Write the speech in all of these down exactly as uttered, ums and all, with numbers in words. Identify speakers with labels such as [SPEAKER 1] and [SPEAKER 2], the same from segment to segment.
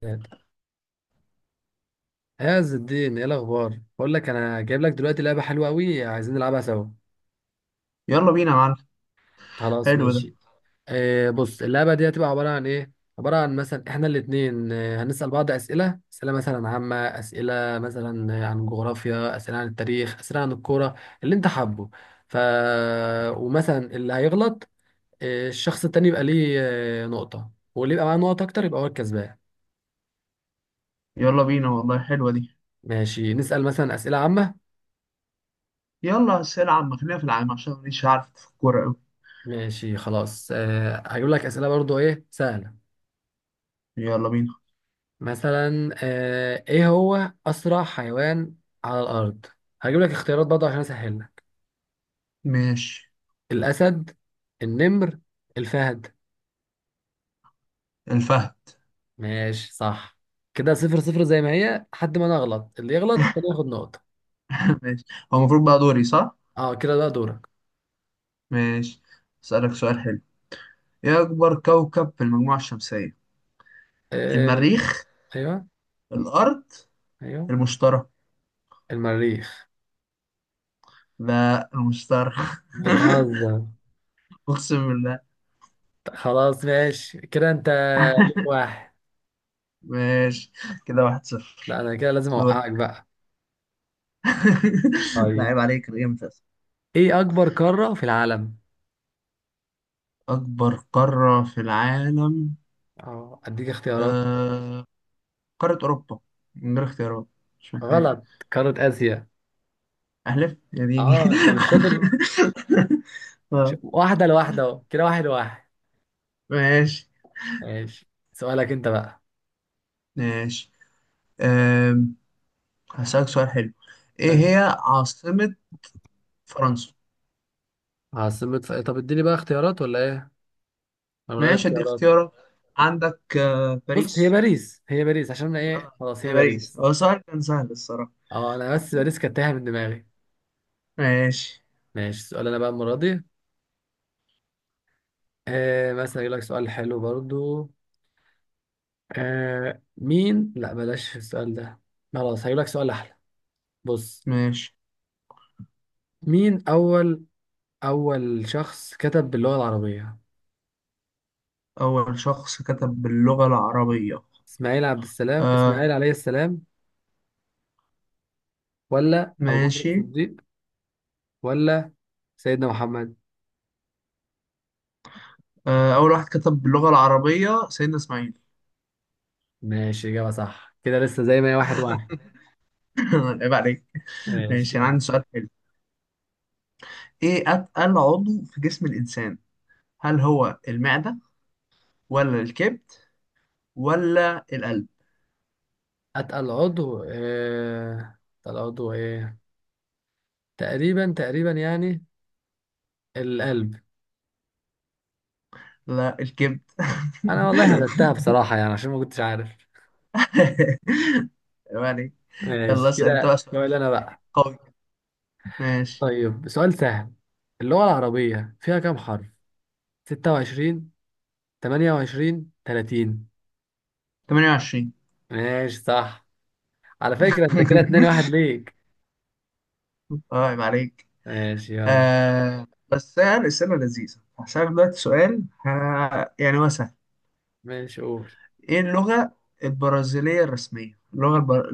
[SPEAKER 1] ثلاثة. يا عز الدين، ايه الاخبار؟ بقول لك انا جايب لك دلوقتي لعبه حلوه قوي، عايزين نلعبها سوا.
[SPEAKER 2] يلا بينا يا معلم.
[SPEAKER 1] خلاص
[SPEAKER 2] حلو ده.
[SPEAKER 1] ماشي. آه، بص، اللعبه دي هتبقى عباره عن ايه. عباره عن مثلا احنا الاثنين هنسال بعض اسئله، اسئله مثلا عامه، اسئله مثلا آه، عن جغرافيا، اسئله عن التاريخ، اسئله عن الكوره، اللي انت حابه. ف ومثلا اللي هيغلط، آه، الشخص التاني يبقى ليه آه، نقطه، واللي يبقى معاه نقط اكتر يبقى هو الكسبان.
[SPEAKER 2] يلا بينا، والله حلوة دي.
[SPEAKER 1] ماشي، نسال مثلا اسئله عامه.
[SPEAKER 2] يلا بس العب مخلينا في العام عشان مانيش عارف في الكورة أوي.
[SPEAKER 1] ماشي خلاص. أه هجيب لك أسئلة برضو، إيه، سهلة.
[SPEAKER 2] يلا بينا.
[SPEAKER 1] مثلا أه إيه هو أسرع حيوان على الأرض؟ هجيب لك اختيارات برضو عشان أسهلها.
[SPEAKER 2] ماشي.
[SPEAKER 1] الأسد، النمر، الفهد.
[SPEAKER 2] الفهد.
[SPEAKER 1] ماشي صح. كده صفر صفر زي ما هي، لحد ما أنا أغلط. اللي يغلط كده ياخد نقطة.
[SPEAKER 2] ماشي. هو المفروض بقى دوري صح؟
[SPEAKER 1] أه، كده بقى دورك.
[SPEAKER 2] ماشي. أسألك سؤال حلو. إيه أكبر كوكب في المجموعة الشمسية؟
[SPEAKER 1] أه.
[SPEAKER 2] المريخ؟
[SPEAKER 1] أيوه.
[SPEAKER 2] الأرض؟
[SPEAKER 1] أيوه.
[SPEAKER 2] المشتري؟
[SPEAKER 1] المريخ.
[SPEAKER 2] لا، المشتري.
[SPEAKER 1] بتهزر.
[SPEAKER 2] أقسم بالله.
[SPEAKER 1] خلاص ماشي، كده أنت ليك واحد.
[SPEAKER 2] ماشي. كده واحد صفر.
[SPEAKER 1] لا، أنا كده لازم
[SPEAKER 2] دور.
[SPEAKER 1] أوقعك بقى.
[SPEAKER 2] لا
[SPEAKER 1] طيب.
[SPEAKER 2] عيب عليك، أنا جامد أصلاً.
[SPEAKER 1] إيه أكبر قارة في العالم؟
[SPEAKER 2] أكبر قارة في العالم.
[SPEAKER 1] اه، اديك اختيارات.
[SPEAKER 2] آه، قارة أوروبا. من غير اختيارات. مش محتاج.
[SPEAKER 1] غلط. قارة آسيا.
[SPEAKER 2] أحلف يا ديني.
[SPEAKER 1] اه، انت مش شاطر. ش...
[SPEAKER 2] آه،
[SPEAKER 1] واحدة لواحدة، اهو كده واحد لواحد.
[SPEAKER 2] ماشي.
[SPEAKER 1] ماشي، سؤالك انت بقى.
[SPEAKER 2] ماشي. أم، هسألك سؤال حلو. إيه هي
[SPEAKER 1] ماشي.
[SPEAKER 2] عاصمة فرنسا؟
[SPEAKER 1] عاصمة ف... طب اديني بقى اختيارات ولا ايه؟ انا من غير
[SPEAKER 2] ماشي، أديك
[SPEAKER 1] اختيارات.
[SPEAKER 2] اختيارات. عندك آه،
[SPEAKER 1] بص، هي
[SPEAKER 2] باريس.
[SPEAKER 1] باريس، هي باريس عشان أنا ايه،
[SPEAKER 2] آه،
[SPEAKER 1] خلاص هي
[SPEAKER 2] باريس.
[SPEAKER 1] باريس.
[SPEAKER 2] هو سؤال كان سهل الصراحة.
[SPEAKER 1] اه، انا بس باريس كانت تايهة من دماغي.
[SPEAKER 2] ماشي.
[SPEAKER 1] ماشي، سؤال انا بقى المرة دي. آه، مثلا يقول لك سؤال حلو برضو. آه مين، لا بلاش السؤال ده. خلاص، هيقول لك سؤال احلى. بص.
[SPEAKER 2] ماشي.
[SPEAKER 1] مين اول أول شخص كتب باللغة العربية.
[SPEAKER 2] أول شخص كتب باللغة العربية.
[SPEAKER 1] إسماعيل عبد السلام
[SPEAKER 2] آه.
[SPEAKER 1] إسماعيل عليه السلام، ولا أبو بكر
[SPEAKER 2] ماشي.
[SPEAKER 1] الصديق، ولا سيدنا محمد.
[SPEAKER 2] آه أول واحد كتب باللغة العربية سيدنا إسماعيل.
[SPEAKER 1] ماشي، إجابة صح، كده لسه زي ما هي واحد واحد.
[SPEAKER 2] عيب عليك.
[SPEAKER 1] ماشي
[SPEAKER 2] ماشي. أنا
[SPEAKER 1] يعني.
[SPEAKER 2] عندي سؤال حلو. ايه اتقل عضو في جسم الانسان؟ هل هو المعدة، ولا الكبد، ولا القلب؟
[SPEAKER 1] أتقل عضو إيه، أتقل عضو إيه، تقريبا تقريبا يعني. القلب.
[SPEAKER 2] لا، الكبد.
[SPEAKER 1] أنا والله هبتها بصراحة يعني، عشان ما كنتش عارف.
[SPEAKER 2] يعني. يلا
[SPEAKER 1] ماشي،
[SPEAKER 2] اسأل انت بقى
[SPEAKER 1] كده
[SPEAKER 2] سؤال
[SPEAKER 1] سؤال أنا بقى.
[SPEAKER 2] قوي. ماشي.
[SPEAKER 1] طيب، سؤال سهل. اللغة العربية فيها كام حرف؟ ستة وعشرين، تمانية وعشرين، تلاتين.
[SPEAKER 2] ثمانية وعشرين.
[SPEAKER 1] ماشي صح. على فكرة انت كده اتنين واحد ليك.
[SPEAKER 2] اه، عيب عليك.
[SPEAKER 1] ماشي يلا.
[SPEAKER 2] آه بس يعني السنة لذيذة. هسألك دلوقتي سؤال، ها، يعني هو سهل.
[SPEAKER 1] ماشي قول.
[SPEAKER 2] ايه اللغة البرازيلية الرسمية، اللغة البر...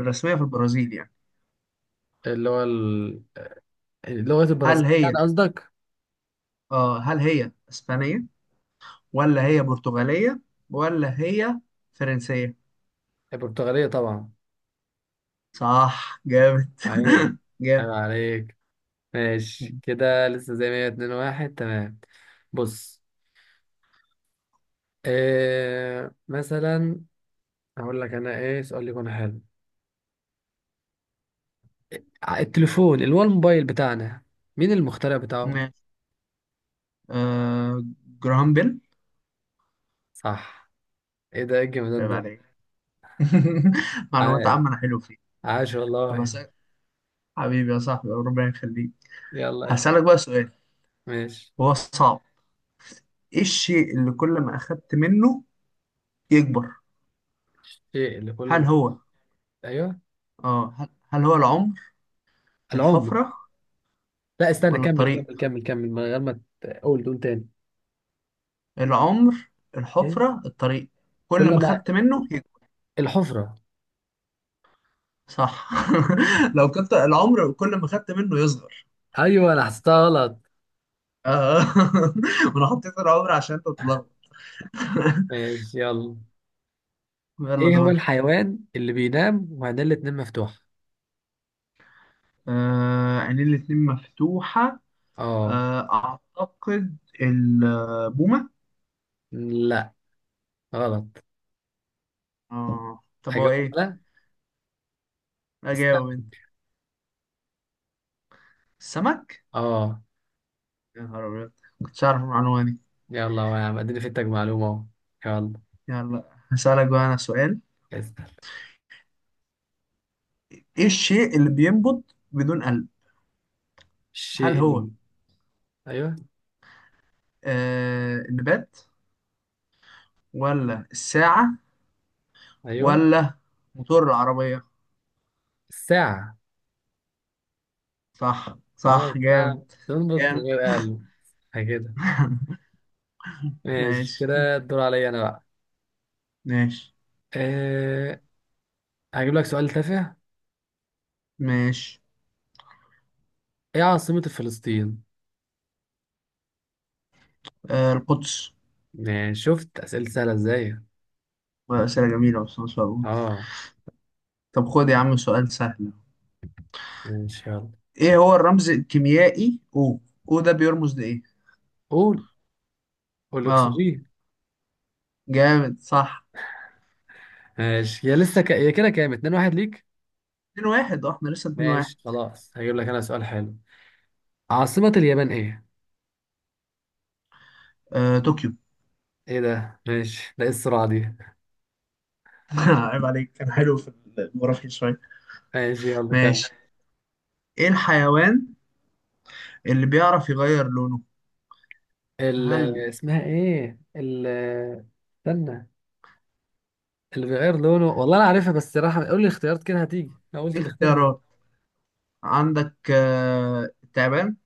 [SPEAKER 2] الرسمية في البرازيل يعني.
[SPEAKER 1] اللي هو ال- اللغة
[SPEAKER 2] هل
[SPEAKER 1] البرازيلية
[SPEAKER 2] هي
[SPEAKER 1] يعني قصدك.
[SPEAKER 2] آه هل هي اسبانية، ولا هي برتغالية، ولا هي فرنسية؟
[SPEAKER 1] البرتغالية طبعا.
[SPEAKER 2] صح، جامد.
[SPEAKER 1] عيب، عيب
[SPEAKER 2] جامد.
[SPEAKER 1] عليك. ماشي، كده لسه زي ما هي اتنين واحد، تمام. بص. إيه مثلا؟ هقول لك انا ايه سؤال يكون حلو. ع- التليفون اللي هو الموبايل بتاعنا، مين المخترع بتاعه؟
[SPEAKER 2] ماشي. آه جراهام بيل.
[SPEAKER 1] صح. ايه ده، ايه الجمدان
[SPEAKER 2] طيب
[SPEAKER 1] ده؟
[SPEAKER 2] عليك. معلومات
[SPEAKER 1] عاش،
[SPEAKER 2] عامة أنا حلو فيه.
[SPEAKER 1] عاش
[SPEAKER 2] طب
[SPEAKER 1] والله.
[SPEAKER 2] هسألك، حبيبي يا صاحبي، ربنا يخليك.
[SPEAKER 1] يلا ايه؟
[SPEAKER 2] هسألك بقى سؤال
[SPEAKER 1] ماشي.
[SPEAKER 2] هو صعب. إيه الشيء اللي كل ما أخدت منه يكبر؟
[SPEAKER 1] الشيء اللي
[SPEAKER 2] هل
[SPEAKER 1] كل.
[SPEAKER 2] هو
[SPEAKER 1] ايوه.
[SPEAKER 2] آه هل هل هو العمر؟
[SPEAKER 1] العمر.
[SPEAKER 2] الحفرة؟
[SPEAKER 1] لا، استنى،
[SPEAKER 2] ولا
[SPEAKER 1] كمل كمل
[SPEAKER 2] الطريق؟
[SPEAKER 1] كمل كمل من غير ما تقول تقول تاني.
[SPEAKER 2] العمر،
[SPEAKER 1] ايوه.
[SPEAKER 2] الحفرة، الطريق، كل
[SPEAKER 1] كل
[SPEAKER 2] ما
[SPEAKER 1] ما.
[SPEAKER 2] أخدت منه.
[SPEAKER 1] الحفرة.
[SPEAKER 2] صح. لو كنت العمر كل ما خدت منه يصغر.
[SPEAKER 1] ايوه، انا حسيتها غلط.
[SPEAKER 2] آه. انا حطيت العمر عشان تتلخبط.
[SPEAKER 1] ماشي يلا.
[SPEAKER 2] يلا
[SPEAKER 1] ايه هو
[SPEAKER 2] دورك.
[SPEAKER 1] الحيوان اللي بينام وعينيه الاتنين مفتوحة؟
[SPEAKER 2] آه، عينين الاتنين مفتوحة.
[SPEAKER 1] اه.
[SPEAKER 2] آه أعتقد البومة.
[SPEAKER 1] لا، غلط.
[SPEAKER 2] آه طب هو
[SPEAKER 1] هجاوب
[SPEAKER 2] إيه؟
[SPEAKER 1] ولا؟ استنى.
[SPEAKER 2] أجاوب أنت. السمك؟
[SPEAKER 1] اه.
[SPEAKER 2] يا نهار أبيض، كنتش أعرف المعلومة دي.
[SPEAKER 1] يلا، هو، يا عم، اديني فدتك معلومة اهو. يلا.
[SPEAKER 2] يلا هسألك بقى أنا سؤال.
[SPEAKER 1] اسأل.
[SPEAKER 2] إيه الشيء اللي بينبض بدون قلب؟ هل
[SPEAKER 1] الشيء
[SPEAKER 2] هو
[SPEAKER 1] اللي. ايوه.
[SPEAKER 2] آه النبات، ولا الساعة،
[SPEAKER 1] ايوه.
[SPEAKER 2] ولا موتور العربية؟
[SPEAKER 1] الساعة.
[SPEAKER 2] صح،
[SPEAKER 1] اه،
[SPEAKER 2] صح، جامد.
[SPEAKER 1] الساعة تنبض من
[SPEAKER 2] جامد.
[SPEAKER 1] غير قلب. كده. ماشي،
[SPEAKER 2] ماشي،
[SPEAKER 1] كده الدور عليا انا بقى.
[SPEAKER 2] ماشي،
[SPEAKER 1] أه. هجيب لك سؤال تافه.
[SPEAKER 2] ماشي.
[SPEAKER 1] ايه عاصمة فلسطين؟
[SPEAKER 2] آه، القدس.
[SPEAKER 1] يعني شفت أسئلة سهلة ازاي؟
[SPEAKER 2] أسئلة جميلة بس، ما شاء الله.
[SPEAKER 1] اه.
[SPEAKER 2] طب خد يا عم سؤال سهل.
[SPEAKER 1] ماشي يلا.
[SPEAKER 2] ايه هو الرمز الكيميائي، او او ده بيرمز لإيه؟
[SPEAKER 1] قول، قول
[SPEAKER 2] اه.
[SPEAKER 1] الأكسجين.
[SPEAKER 2] جامد، صح.
[SPEAKER 1] ماشي، يا لسه ك... يا كده كام؟ اتنين واحد ليك؟
[SPEAKER 2] اتنين واحد. اه، احنا لسه اتنين واحد.
[SPEAKER 1] ماشي خلاص، هجيب لك أنا سؤال حلو. عاصمة اليابان ايه؟
[SPEAKER 2] آه طوكيو.
[SPEAKER 1] ايه ده؟ ماشي، ده ايه السرعة دي؟
[SPEAKER 2] عيب عليك، كان حلو في الجغرافيا شوية.
[SPEAKER 1] ماشي يلا كام؟
[SPEAKER 2] ماشي. ايه الحيوان اللي بيعرف يغير لونه؟
[SPEAKER 1] ال...
[SPEAKER 2] هل
[SPEAKER 1] اسمها ايه؟ ال... استنى. اللي بيغير لونه، والله أنا عارفها، بس راح قول لي الاختيارات، كده هتيجي، أنا
[SPEAKER 2] دي
[SPEAKER 1] قلت الاختيار.
[SPEAKER 2] اختيارات. عندك آه التعبان،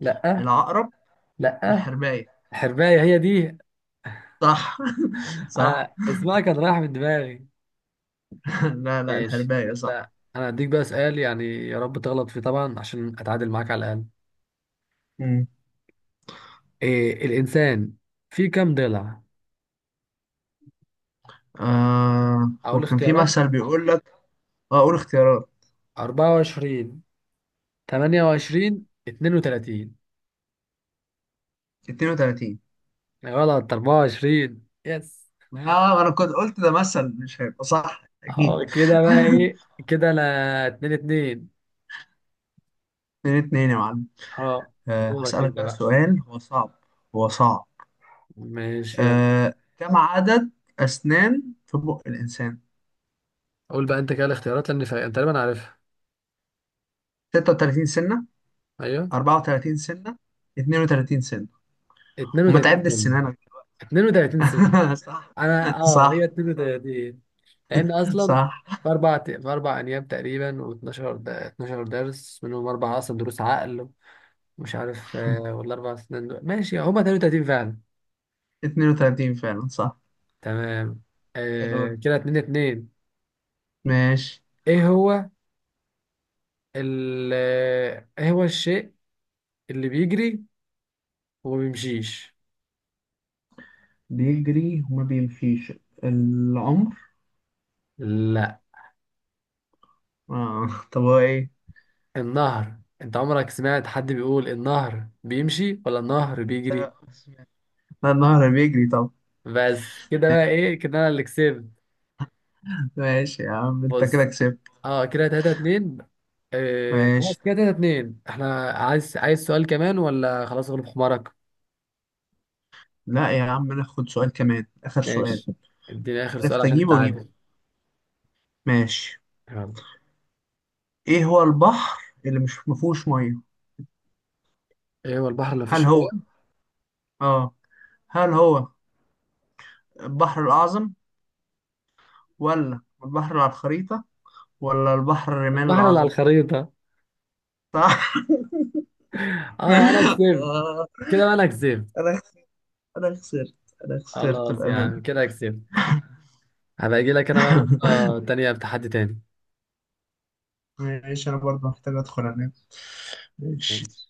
[SPEAKER 1] لا.
[SPEAKER 2] العقرب،
[SPEAKER 1] لا،
[SPEAKER 2] الحرباية.
[SPEAKER 1] حرباية هي دي.
[SPEAKER 2] صح. صح.
[SPEAKER 1] أنا اسمها كان رايح من دماغي.
[SPEAKER 2] لا، لا،
[SPEAKER 1] ماشي
[SPEAKER 2] الحرباية صح.
[SPEAKER 1] وأنت- انا هديك بقى سؤال، يعني يا رب تغلط فيه طبعا عشان اتعادل معاك على الاقل.
[SPEAKER 2] مم.
[SPEAKER 1] إيه الانسان فيه كام ضلع؟
[SPEAKER 2] آه
[SPEAKER 1] اقول
[SPEAKER 2] وكان في
[SPEAKER 1] اختيارات.
[SPEAKER 2] مثل بيقول لك. اه، قول اختيارات.
[SPEAKER 1] أربعة وعشرين، تمانية وعشرين، اتنين وتلاتين.
[SPEAKER 2] اتنين وتلاتين.
[SPEAKER 1] غلط، أربعة وعشرين. يس.
[SPEAKER 2] اه، انا كنت قلت ده مثل مش هيبقى صح
[SPEAKER 1] اه،
[SPEAKER 2] اكيد.
[SPEAKER 1] كده بقى ايه؟ كده انا اتنين اتنين.
[SPEAKER 2] اتنين اتنين يا معلم.
[SPEAKER 1] اه.
[SPEAKER 2] آه
[SPEAKER 1] دورك
[SPEAKER 2] هسألك
[SPEAKER 1] انت
[SPEAKER 2] بقى
[SPEAKER 1] بقى.
[SPEAKER 2] سؤال هو صعب. هو صعب.
[SPEAKER 1] ماشي يلا.
[SPEAKER 2] آه كم عدد أسنان في بق الإنسان؟
[SPEAKER 1] قول بقى انت كده الاختيارات لان فا- انت تقريبا عارفها.
[SPEAKER 2] ستة وتلاتين سنة؟
[SPEAKER 1] ايوه.
[SPEAKER 2] أربعة وثلاثون سنة؟ اثنان وثلاثون سنة؟ وما
[SPEAKER 1] اتنين وتلاتين
[SPEAKER 2] تعدش
[SPEAKER 1] سنة.
[SPEAKER 2] سنانك.
[SPEAKER 1] اتنين وتلاتين سنة.
[SPEAKER 2] صح،
[SPEAKER 1] انا، اه هي
[SPEAKER 2] صح،
[SPEAKER 1] التلاتة دي، لان اصلا
[SPEAKER 2] صح.
[SPEAKER 1] في اربع، في اربع ايام تقريبا، و12 ده اتناشر درس، منهم اربعه اصلا دروس عقل، ومش عارف آه، ولا اربع سنين دول. ماشي، هما اتنين وتلاتين فعلا.
[SPEAKER 2] اتنين وتلاتين فعلا، صح.
[SPEAKER 1] تمام.
[SPEAKER 2] ده دور.
[SPEAKER 1] آه، كده اتنين اتنين.
[SPEAKER 2] ماشي.
[SPEAKER 1] ايه هو ال آه، ايه هو الشيء اللي بيجري وما بيمشيش.
[SPEAKER 2] بيجري وما بيمشيش؟ العمر.
[SPEAKER 1] لا،
[SPEAKER 2] آه. طب هو ايه؟
[SPEAKER 1] النهر، انت عمرك سمعت حد بيقول النهر بيمشي ولا النهر بيجري؟
[SPEAKER 2] ده لا، النهر بيجري. طب،
[SPEAKER 1] بس كده بقى ايه، كده انا اللي كسبت.
[SPEAKER 2] ماشي يا عم، انت كده
[SPEAKER 1] بص.
[SPEAKER 2] كسبت.
[SPEAKER 1] اه، كده تلاتة اتنين. آه
[SPEAKER 2] ماشي.
[SPEAKER 1] خلاص، كده تلاتة اتنين. احنا عايز، عايز سؤال كمان ولا خلاص غلب حمارك؟
[SPEAKER 2] لا يا عم، ناخد سؤال كمان، اخر سؤال.
[SPEAKER 1] ماشي. اديني اخر سؤال
[SPEAKER 2] عرفت
[SPEAKER 1] عشان
[SPEAKER 2] اجيبه اجيبه.
[SPEAKER 1] تتعادل.
[SPEAKER 2] ماشي.
[SPEAKER 1] يلا.
[SPEAKER 2] ايه هو البحر اللي مش مفهوش ميه؟
[SPEAKER 1] ايه هو البحر اللي مفيش
[SPEAKER 2] هل
[SPEAKER 1] فيه
[SPEAKER 2] هو
[SPEAKER 1] ميه؟
[SPEAKER 2] اه هل هو البحر الاعظم؟ ولا البحر اللي على الخريطة؟ ولا البحر الرمال
[SPEAKER 1] البحر اللي على
[SPEAKER 2] الاعظم؟
[SPEAKER 1] الخريطة.
[SPEAKER 2] صح.
[SPEAKER 1] اه، انا كسبت.
[SPEAKER 2] آه.
[SPEAKER 1] كده بقى انا كسبت.
[SPEAKER 2] انا انا خسرت. انا خسرت
[SPEAKER 1] خلاص يا
[SPEAKER 2] بأمان.
[SPEAKER 1] عم، كده كسبت. هبقى اجي لك انا بقى مرة تانية بتحدي تاني.
[SPEAKER 2] ماشي، انا برضه محتاج ادخل انام. ماشي.